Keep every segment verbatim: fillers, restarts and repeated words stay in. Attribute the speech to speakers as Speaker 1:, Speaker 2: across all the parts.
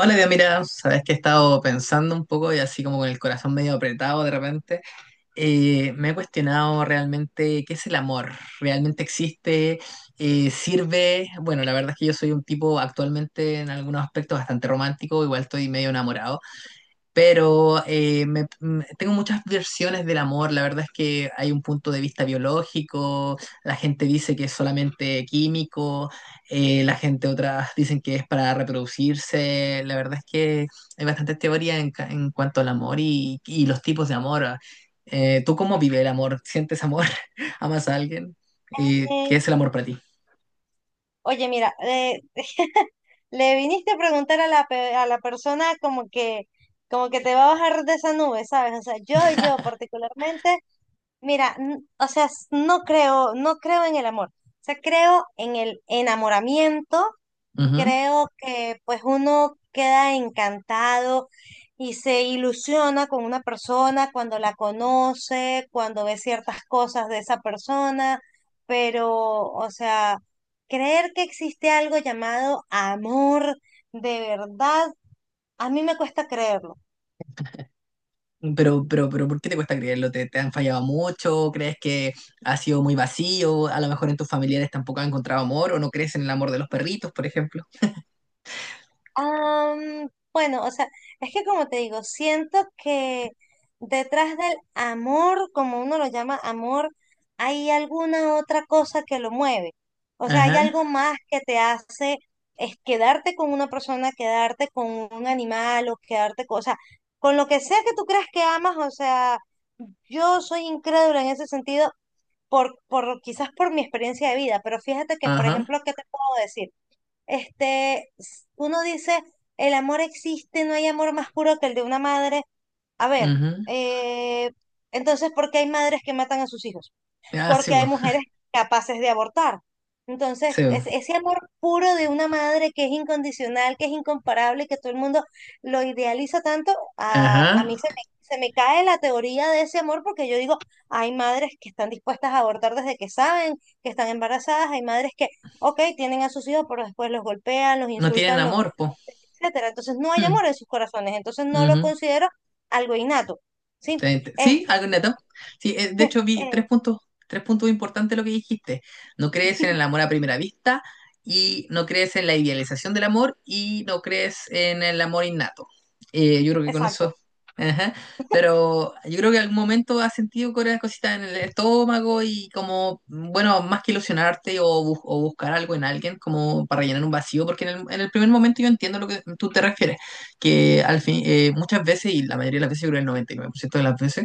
Speaker 1: Hola, Dios, mira, sabes que he estado pensando un poco y así como con el corazón medio apretado de repente. Eh, me he cuestionado realmente qué es el amor, realmente existe, Eh, sirve. Bueno, la verdad es que yo soy un tipo actualmente en algunos aspectos bastante romántico, igual estoy medio enamorado. Pero eh, me- m- tengo muchas versiones del amor. La verdad es que hay un punto de vista biológico, la gente dice que es solamente químico. Eh, la gente otras dicen que es para reproducirse. La verdad es que hay bastantes teorías en, ca- en cuanto al amor y, y los tipos de amor. Ah. Eh, ¿tú cómo vives el amor? ¿Sientes amor? ¿Amas a alguien? Eh, ¿qué es el
Speaker 2: Eh,
Speaker 1: amor para ti?
Speaker 2: Oye, mira, eh, le viniste a preguntar a la, pe- a la persona como que, como que te va a bajar de esa nube, ¿sabes? O sea, yo, yo particularmente, mira, n- o sea, s- no creo, no creo en el amor. O sea, creo en el enamoramiento. Creo que pues uno queda encantado y se ilusiona con una persona cuando la conoce, cuando ve ciertas cosas de esa persona, pero o sea, creer que existe algo llamado amor de verdad, a mí me cuesta creerlo.
Speaker 1: Pero, pero, pero, ¿por qué te cuesta creerlo? ¿Te, te han fallado mucho? ¿Crees que ha sido muy vacío? A lo mejor en tus familiares tampoco has encontrado amor o no crees en el amor de los perritos, por ejemplo.
Speaker 2: Am, bueno, o sea, es que como te digo, siento que detrás del amor, como uno lo llama amor, hay alguna otra cosa que lo mueve. O sea, hay
Speaker 1: Ajá,
Speaker 2: algo más que te hace es quedarte con una persona, quedarte con un animal o quedarte con, o sea, con lo que sea que tú creas que amas, o sea, yo soy incrédula en ese sentido por, por quizás por mi experiencia de vida, pero fíjate que, por
Speaker 1: ajá,
Speaker 2: ejemplo, ¿qué te puedo decir? Este, s- uno dice, el amor existe, no hay amor más puro que el de una madre. A ver,
Speaker 1: ujú.
Speaker 2: eh, entonces, ¿por qué hay madres que matan a sus hijos?
Speaker 1: Ah, sí,
Speaker 2: Porque
Speaker 1: po,
Speaker 2: hay mujeres capaces de abortar. Entonces,
Speaker 1: sí,
Speaker 2: es-
Speaker 1: po.
Speaker 2: ese amor puro de una madre que es incondicional, que es incomparable, que todo el mundo lo idealiza tanto, a,
Speaker 1: Ajá.
Speaker 2: a mí se me, se me cae la teoría de ese amor porque yo digo, hay madres que están dispuestas a abortar desde que saben que están embarazadas, hay madres que, ok, tienen a sus hijos, pero después los golpean, los
Speaker 1: No tienen
Speaker 2: insultan, los,
Speaker 1: amor, po.
Speaker 2: etcétera. Entonces, no hay
Speaker 1: Mm,
Speaker 2: amor en sus corazones, entonces no lo
Speaker 1: ujú.
Speaker 2: considero algo innato. Sí,
Speaker 1: Te- te- Sí,
Speaker 2: este,
Speaker 1: algo neto. Sí. Eh, de hecho vi
Speaker 2: eh,
Speaker 1: tres puntos, tres puntos importantes de lo que dijiste. No crees en el amor a primera vista y no crees en la idealización del amor y no crees en el amor innato. Eh, yo creo que con
Speaker 2: exacto.
Speaker 1: eso. Ajá. Pero yo creo que en algún momento has sentido cosas cositas en el estómago y como, bueno, más que ilusionarte o, bus- o buscar algo en alguien como para llenar un vacío, porque en el, en el primer momento yo entiendo lo que tú te refieres que al fin, eh, muchas veces, y la mayoría de las veces, yo creo el noventa y nueve por ciento de las veces,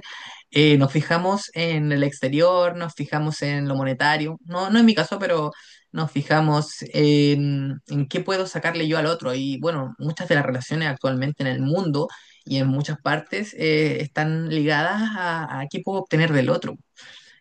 Speaker 1: eh, nos fijamos en el exterior, nos fijamos en lo monetario, no, no en mi caso, pero nos fijamos en, en qué puedo sacarle yo al otro. Y bueno, muchas de las relaciones actualmente en el mundo y en muchas partes eh, están ligadas a, a qué puedo obtener del otro.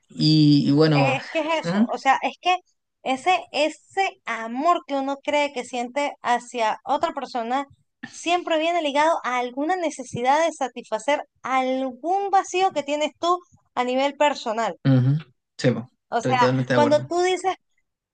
Speaker 1: Y, y bueno,
Speaker 2: Eh, Es que es eso,
Speaker 1: ujú,
Speaker 2: o sea, es que ese, ese amor que uno cree que siente hacia otra persona siempre viene ligado a alguna necesidad de satisfacer algún vacío que tienes tú a nivel personal.
Speaker 1: ujú, sí, po,
Speaker 2: O
Speaker 1: estoy
Speaker 2: sea,
Speaker 1: totalmente de
Speaker 2: cuando
Speaker 1: acuerdo.
Speaker 2: tú dices,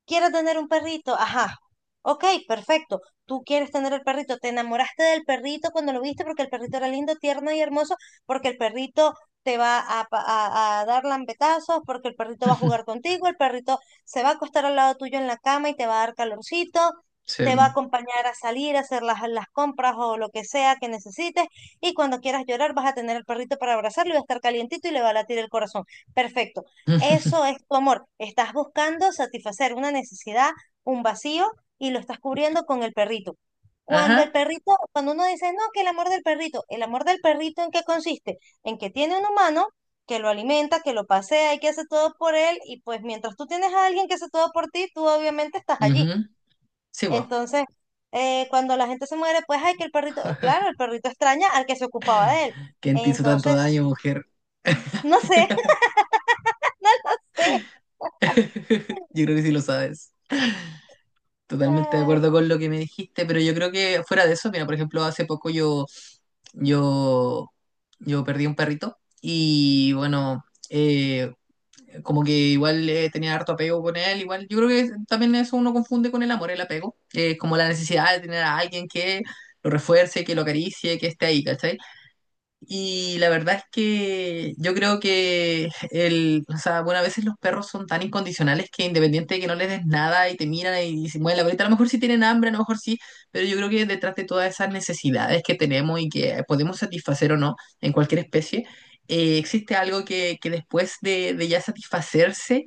Speaker 2: quiero tener un perrito, ajá. Ok, perfecto. Tú quieres tener el perrito, te enamoraste del perrito cuando lo viste porque el perrito era lindo, tierno y hermoso, porque el perrito te va a, pa- a- a dar lambetazos, porque el perrito va a jugar contigo, el perrito se va a acostar al lado tuyo en la cama y te va a dar calorcito,
Speaker 1: Sí.
Speaker 2: te va a acompañar a salir, a hacer las, las compras o lo que sea que necesites, y cuando quieras llorar vas a tener el perrito para abrazarlo y va a estar calientito y le va a latir el corazón. Perfecto. Eso es tu amor. Estás buscando satisfacer una necesidad, un vacío, y lo estás cubriendo con el perrito. Cuando el
Speaker 1: Ajá.
Speaker 2: perrito, cuando uno dice, no, que el amor del perrito, el amor del perrito, ¿en qué consiste? En que tiene un humano que lo alimenta, que lo pasea y que hace todo por él, y pues mientras tú tienes a alguien que hace todo por ti, tú obviamente estás allí.
Speaker 1: Ujú, sí, po.
Speaker 2: Entonces, eh, cuando la gente se muere, pues hay que el perrito, eh, claro, el perrito extraña al que se ocupaba de él.
Speaker 1: ¿Quién te hizo tanto
Speaker 2: Entonces,
Speaker 1: daño, mujer?
Speaker 2: no sé, sí.
Speaker 1: Yo creo que sí lo sabes. Totalmente de
Speaker 2: Ay,
Speaker 1: acuerdo con lo que me dijiste, pero yo creo que fuera de eso, mira, por ejemplo, hace poco yo, yo, yo perdí un perrito y bueno, eh, como que igual eh, tenía harto apego con él, igual yo creo que también eso uno confunde con el amor, el apego, eh, como la necesidad de tener a alguien que lo refuerce, que lo acaricie, que esté ahí, ¿cachai? Y la verdad es que yo creo que el, o sea, bueno, a veces los perros son tan incondicionales que independiente de que no les des nada y te miran y se mueven la bolita, a lo mejor sí tienen hambre, a lo mejor sí, pero yo creo que detrás de todas esas necesidades que tenemos y que podemos satisfacer o no en cualquier especie, eh, existe algo que, que después de, de ya satisfacerse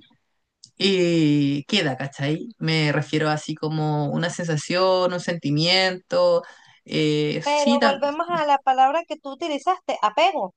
Speaker 1: eh, queda, ¿cachai? Me refiero así como una sensación, un sentimiento. Eh, sí,
Speaker 2: pero
Speaker 1: tal.
Speaker 2: volvemos a la palabra que tú utilizaste, apego,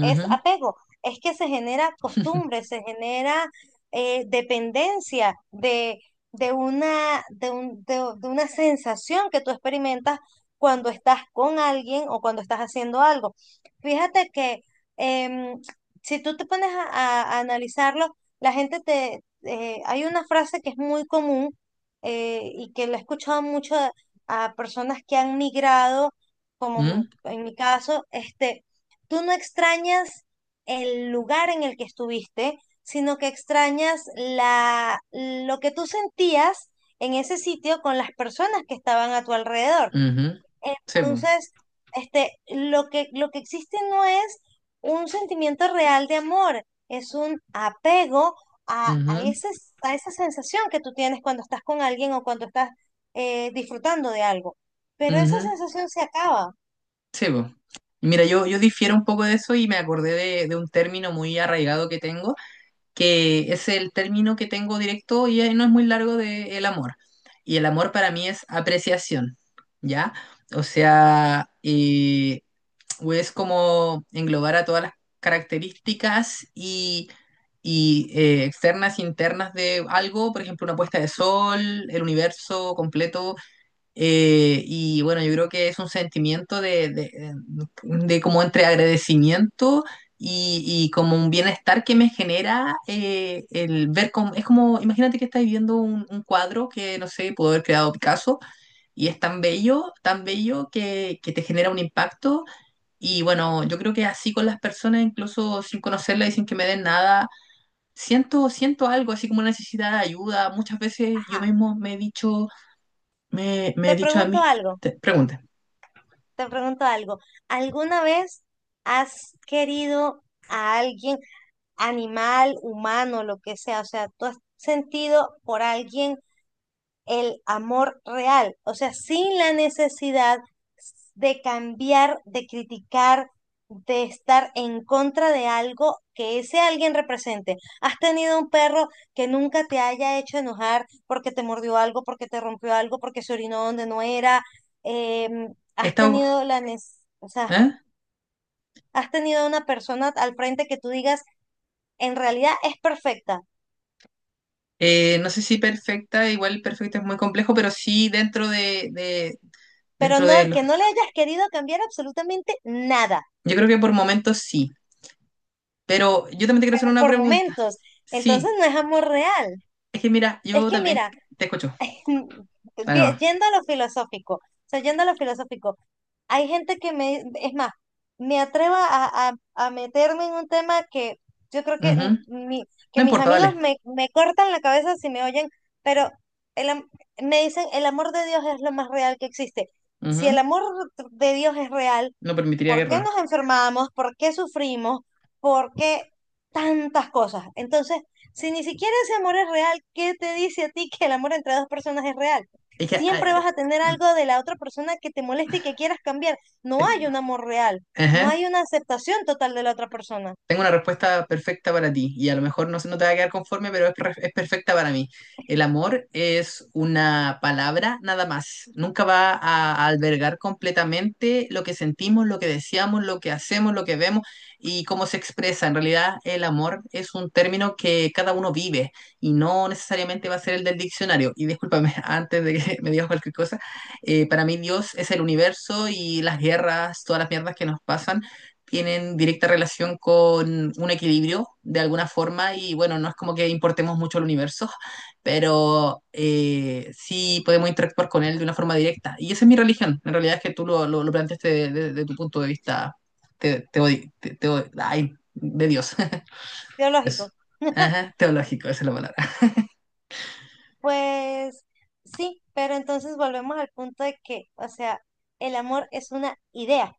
Speaker 2: es apego, es que se genera costumbre, se genera eh, dependencia de, de una, de un- de- de una sensación que tú experimentas cuando estás con alguien o cuando estás haciendo algo. Fíjate que em, si tú te pones a, a- a analizarlo, la gente te... eh, hay una frase que es muy común eh, y que la he escuchado mucho a, a personas que han migrado, como
Speaker 1: mm,
Speaker 2: en mi caso, este, tú no extrañas el lugar en el que estuviste, sino que extrañas la, lo que tú sentías en ese sitio con las personas que estaban a tu alrededor.
Speaker 1: ujú. Sí, po.
Speaker 2: Entonces, este, lo que, lo que existe no es un sentimiento real de amor, es un apego a, a
Speaker 1: Ujú,
Speaker 2: ese- a esa sensación que tú tienes cuando estás con alguien o cuando estás eh, disfrutando de algo. Pero esa
Speaker 1: ujú.
Speaker 2: sensación se acaba.
Speaker 1: Sí, po. Mira, yo, yo difiero un poco de eso y me acordé de, de un término muy arraigado que tengo, que es el término que tengo directo y eh, no es muy largo de el amor. Y el amor para mí es apreciación, ¿ya? O sea, eh, o es como englobar a todas las características y, y, eh, externas, internas de algo, por ejemplo, una puesta de sol, el universo completo. Eh, y bueno, yo creo que es un sentimiento de, de, de como entre agradecimiento y, y como un bienestar que me genera eh, el ver como, es como, imagínate que estás viendo un, un cuadro que, no sé, pudo haber creado Picasso y es tan bello, tan bello que, que te genera un impacto y bueno, yo creo que así con las personas, incluso sin conocerlas y sin que me den nada, siento, siento algo, así como una necesidad de ayuda. Muchas veces yo
Speaker 2: Ajá.
Speaker 1: mismo me he dicho me, me he
Speaker 2: Te
Speaker 1: dicho a
Speaker 2: pregunto
Speaker 1: mí,
Speaker 2: algo.
Speaker 1: te, pregunta,
Speaker 2: Te pregunto algo. ¿Alguna vez has querido a alguien, animal, humano, lo que sea? O sea, ¿tú has sentido por alguien el amor real, o sea, sin la necesidad de cambiar, de criticar, de estar en contra de algo que ese alguien represente? ¿Has tenido un perro que nunca te haya hecho enojar porque te mordió algo, porque te rompió algo, porque se orinó donde no era? Em,
Speaker 1: he
Speaker 2: ¿has
Speaker 1: estado,
Speaker 2: tenido la nes- o sea,
Speaker 1: ¿eh?
Speaker 2: has tenido una persona al frente que tú digas, en realidad es perfecta,
Speaker 1: Eh, no sé si perfecta, igual perfecta es muy complejo, pero sí dentro de, de-
Speaker 2: pero
Speaker 1: dentro
Speaker 2: no,
Speaker 1: de
Speaker 2: el
Speaker 1: los,
Speaker 2: que no le hayas querido cambiar absolutamente nada?
Speaker 1: yo creo que por momentos sí, pero yo también te quiero hacer
Speaker 2: Pero
Speaker 1: una
Speaker 2: por
Speaker 1: pregunta,
Speaker 2: momentos. Entonces
Speaker 1: sí,
Speaker 2: no es amor real.
Speaker 1: es que mira,
Speaker 2: Es
Speaker 1: yo
Speaker 2: que
Speaker 1: también
Speaker 2: mira,
Speaker 1: te escucho,
Speaker 2: mm,
Speaker 1: dale
Speaker 2: de-
Speaker 1: nomás.
Speaker 2: yendo a lo filosófico, o sea, yendo a lo filosófico, hay gente que me, es más, me atrevo a, a- a meterme en un tema que yo creo que, n-
Speaker 1: Ujú.
Speaker 2: mi- que
Speaker 1: No
Speaker 2: mis
Speaker 1: importa,
Speaker 2: amigos
Speaker 1: dale.
Speaker 2: me, me cortan la cabeza si me oyen, pero el am- me dicen, el amor de Dios es lo más real que existe. Si el
Speaker 1: Ujú.
Speaker 2: amor de Dios es real,
Speaker 1: No permitiría
Speaker 2: por qué
Speaker 1: guerra,
Speaker 2: nos enfermamos, por qué sufrimos, por qué tantas cosas. Entonces, si ni siquiera ese amor es real, ¿qué te dice a ti que el amor entre dos personas es real?
Speaker 1: es que,
Speaker 2: Siempre
Speaker 1: ah,
Speaker 2: vas a tener
Speaker 1: ah,
Speaker 2: algo de la otra persona que te moleste y que quieras cambiar. No
Speaker 1: te-
Speaker 2: hay un amor real, no
Speaker 1: ajá.
Speaker 2: hay una aceptación total de la otra persona.
Speaker 1: Tengo una respuesta perfecta para ti y a lo mejor no, se- no te va a quedar conforme, pero es, perf- es perfecta para mí. El amor es una palabra nada más. Nunca va a, a albergar completamente lo que sentimos, lo que deseamos, lo que hacemos, lo que vemos y cómo se expresa. En realidad, el amor es un término que cada uno vive y no necesariamente va a ser el del diccionario. Y discúlpame, antes de que me digas cualquier cosa, eh, para mí Dios es el universo y las guerras, todas las mierdas que nos pasan tienen directa relación con un equilibrio de alguna forma y bueno, no es como que importemos mucho el universo, pero eh, sí podemos interactuar con él de una forma directa. Y esa es mi religión, en realidad es que tú lo, lo, lo planteaste desde de, de tu punto de vista te, te, te- te ay, de Dios, eso.
Speaker 2: Biológico.
Speaker 1: Ajá, teológico, esa es la palabra.
Speaker 2: Pues sí, pero entonces volvemos al punto de que, o sea, el amor es una idea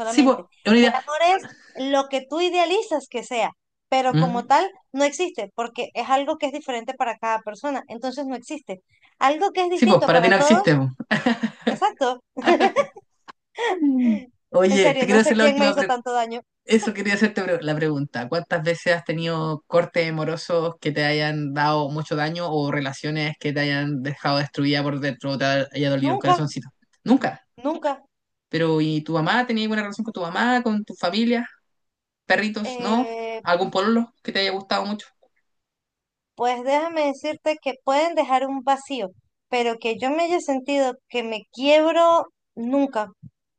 Speaker 1: Sí, pues, es una
Speaker 2: El
Speaker 1: idea.
Speaker 2: amor es lo que tú idealizas que sea, pero como
Speaker 1: Mm.
Speaker 2: tal no existe, porque es algo que es diferente para cada persona, entonces no existe. Algo que es
Speaker 1: Sí, pues,
Speaker 2: distinto
Speaker 1: para ti
Speaker 2: para
Speaker 1: no existe,
Speaker 2: todos,
Speaker 1: po.
Speaker 2: exacto. En
Speaker 1: Oye, te
Speaker 2: serio,
Speaker 1: quiero
Speaker 2: no
Speaker 1: hacer
Speaker 2: sé
Speaker 1: la
Speaker 2: quién me
Speaker 1: última
Speaker 2: hizo
Speaker 1: pregunta.
Speaker 2: tanto daño.
Speaker 1: Eso quería hacerte pre- la pregunta. ¿Cuántas veces has tenido cortes amorosos que te hayan dado mucho daño o relaciones que te hayan dejado destruida por dentro, te haya dolido el
Speaker 2: Nunca,
Speaker 1: corazoncito? Nunca.
Speaker 2: nunca.
Speaker 1: Pero ¿y tu mamá? ¿Tenías alguna relación con tu mamá, con tu familia? ¿Perritos? ¿No?
Speaker 2: Eh,
Speaker 1: ¿Algún pololo que te haya gustado mucho?
Speaker 2: pues déjame decirte que pueden dejar un vacío, pero que yo me haya sentido que me quiebro, nunca.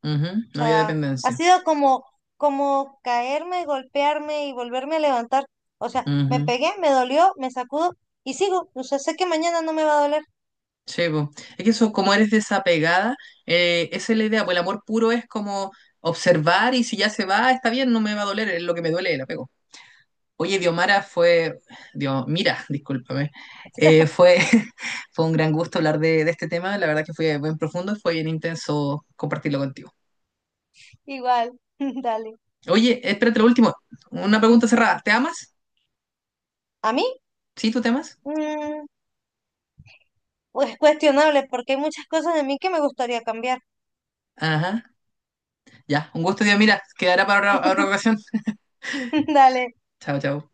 Speaker 1: Ujú.
Speaker 2: O
Speaker 1: No había
Speaker 2: sea, ha
Speaker 1: dependencia.
Speaker 2: sido como, como caerme, golpearme y volverme a levantar. O sea, me
Speaker 1: Ujú,
Speaker 2: pegué, me dolió, me sacudo y sigo. O sea, sé que mañana no me va a doler
Speaker 1: sí, po. Es que eso, como eres desapegada, eh, esa es la idea. Pues el amor puro es como observar y si ya se va, está bien, no me va a doler, es lo que me duele el apego. Oye, Diomara, fue, Dios, mira, discúlpame. Eh, fue, fue un gran gusto hablar de, de este tema, la verdad que fue bien profundo y fue bien intenso compartirlo contigo.
Speaker 2: igual. Dale.
Speaker 1: Oye, espérate lo último, una pregunta cerrada, ¿te amas?
Speaker 2: A mí,
Speaker 1: ¿Sí, tú te amas?
Speaker 2: mm, pues cuestionable, porque hay muchas cosas de mí que me gustaría cambiar.
Speaker 1: Ajá, ya, un gusto, Diomira, quedará para otra otra ocasión.
Speaker 2: Dale.
Speaker 1: Chao, chao.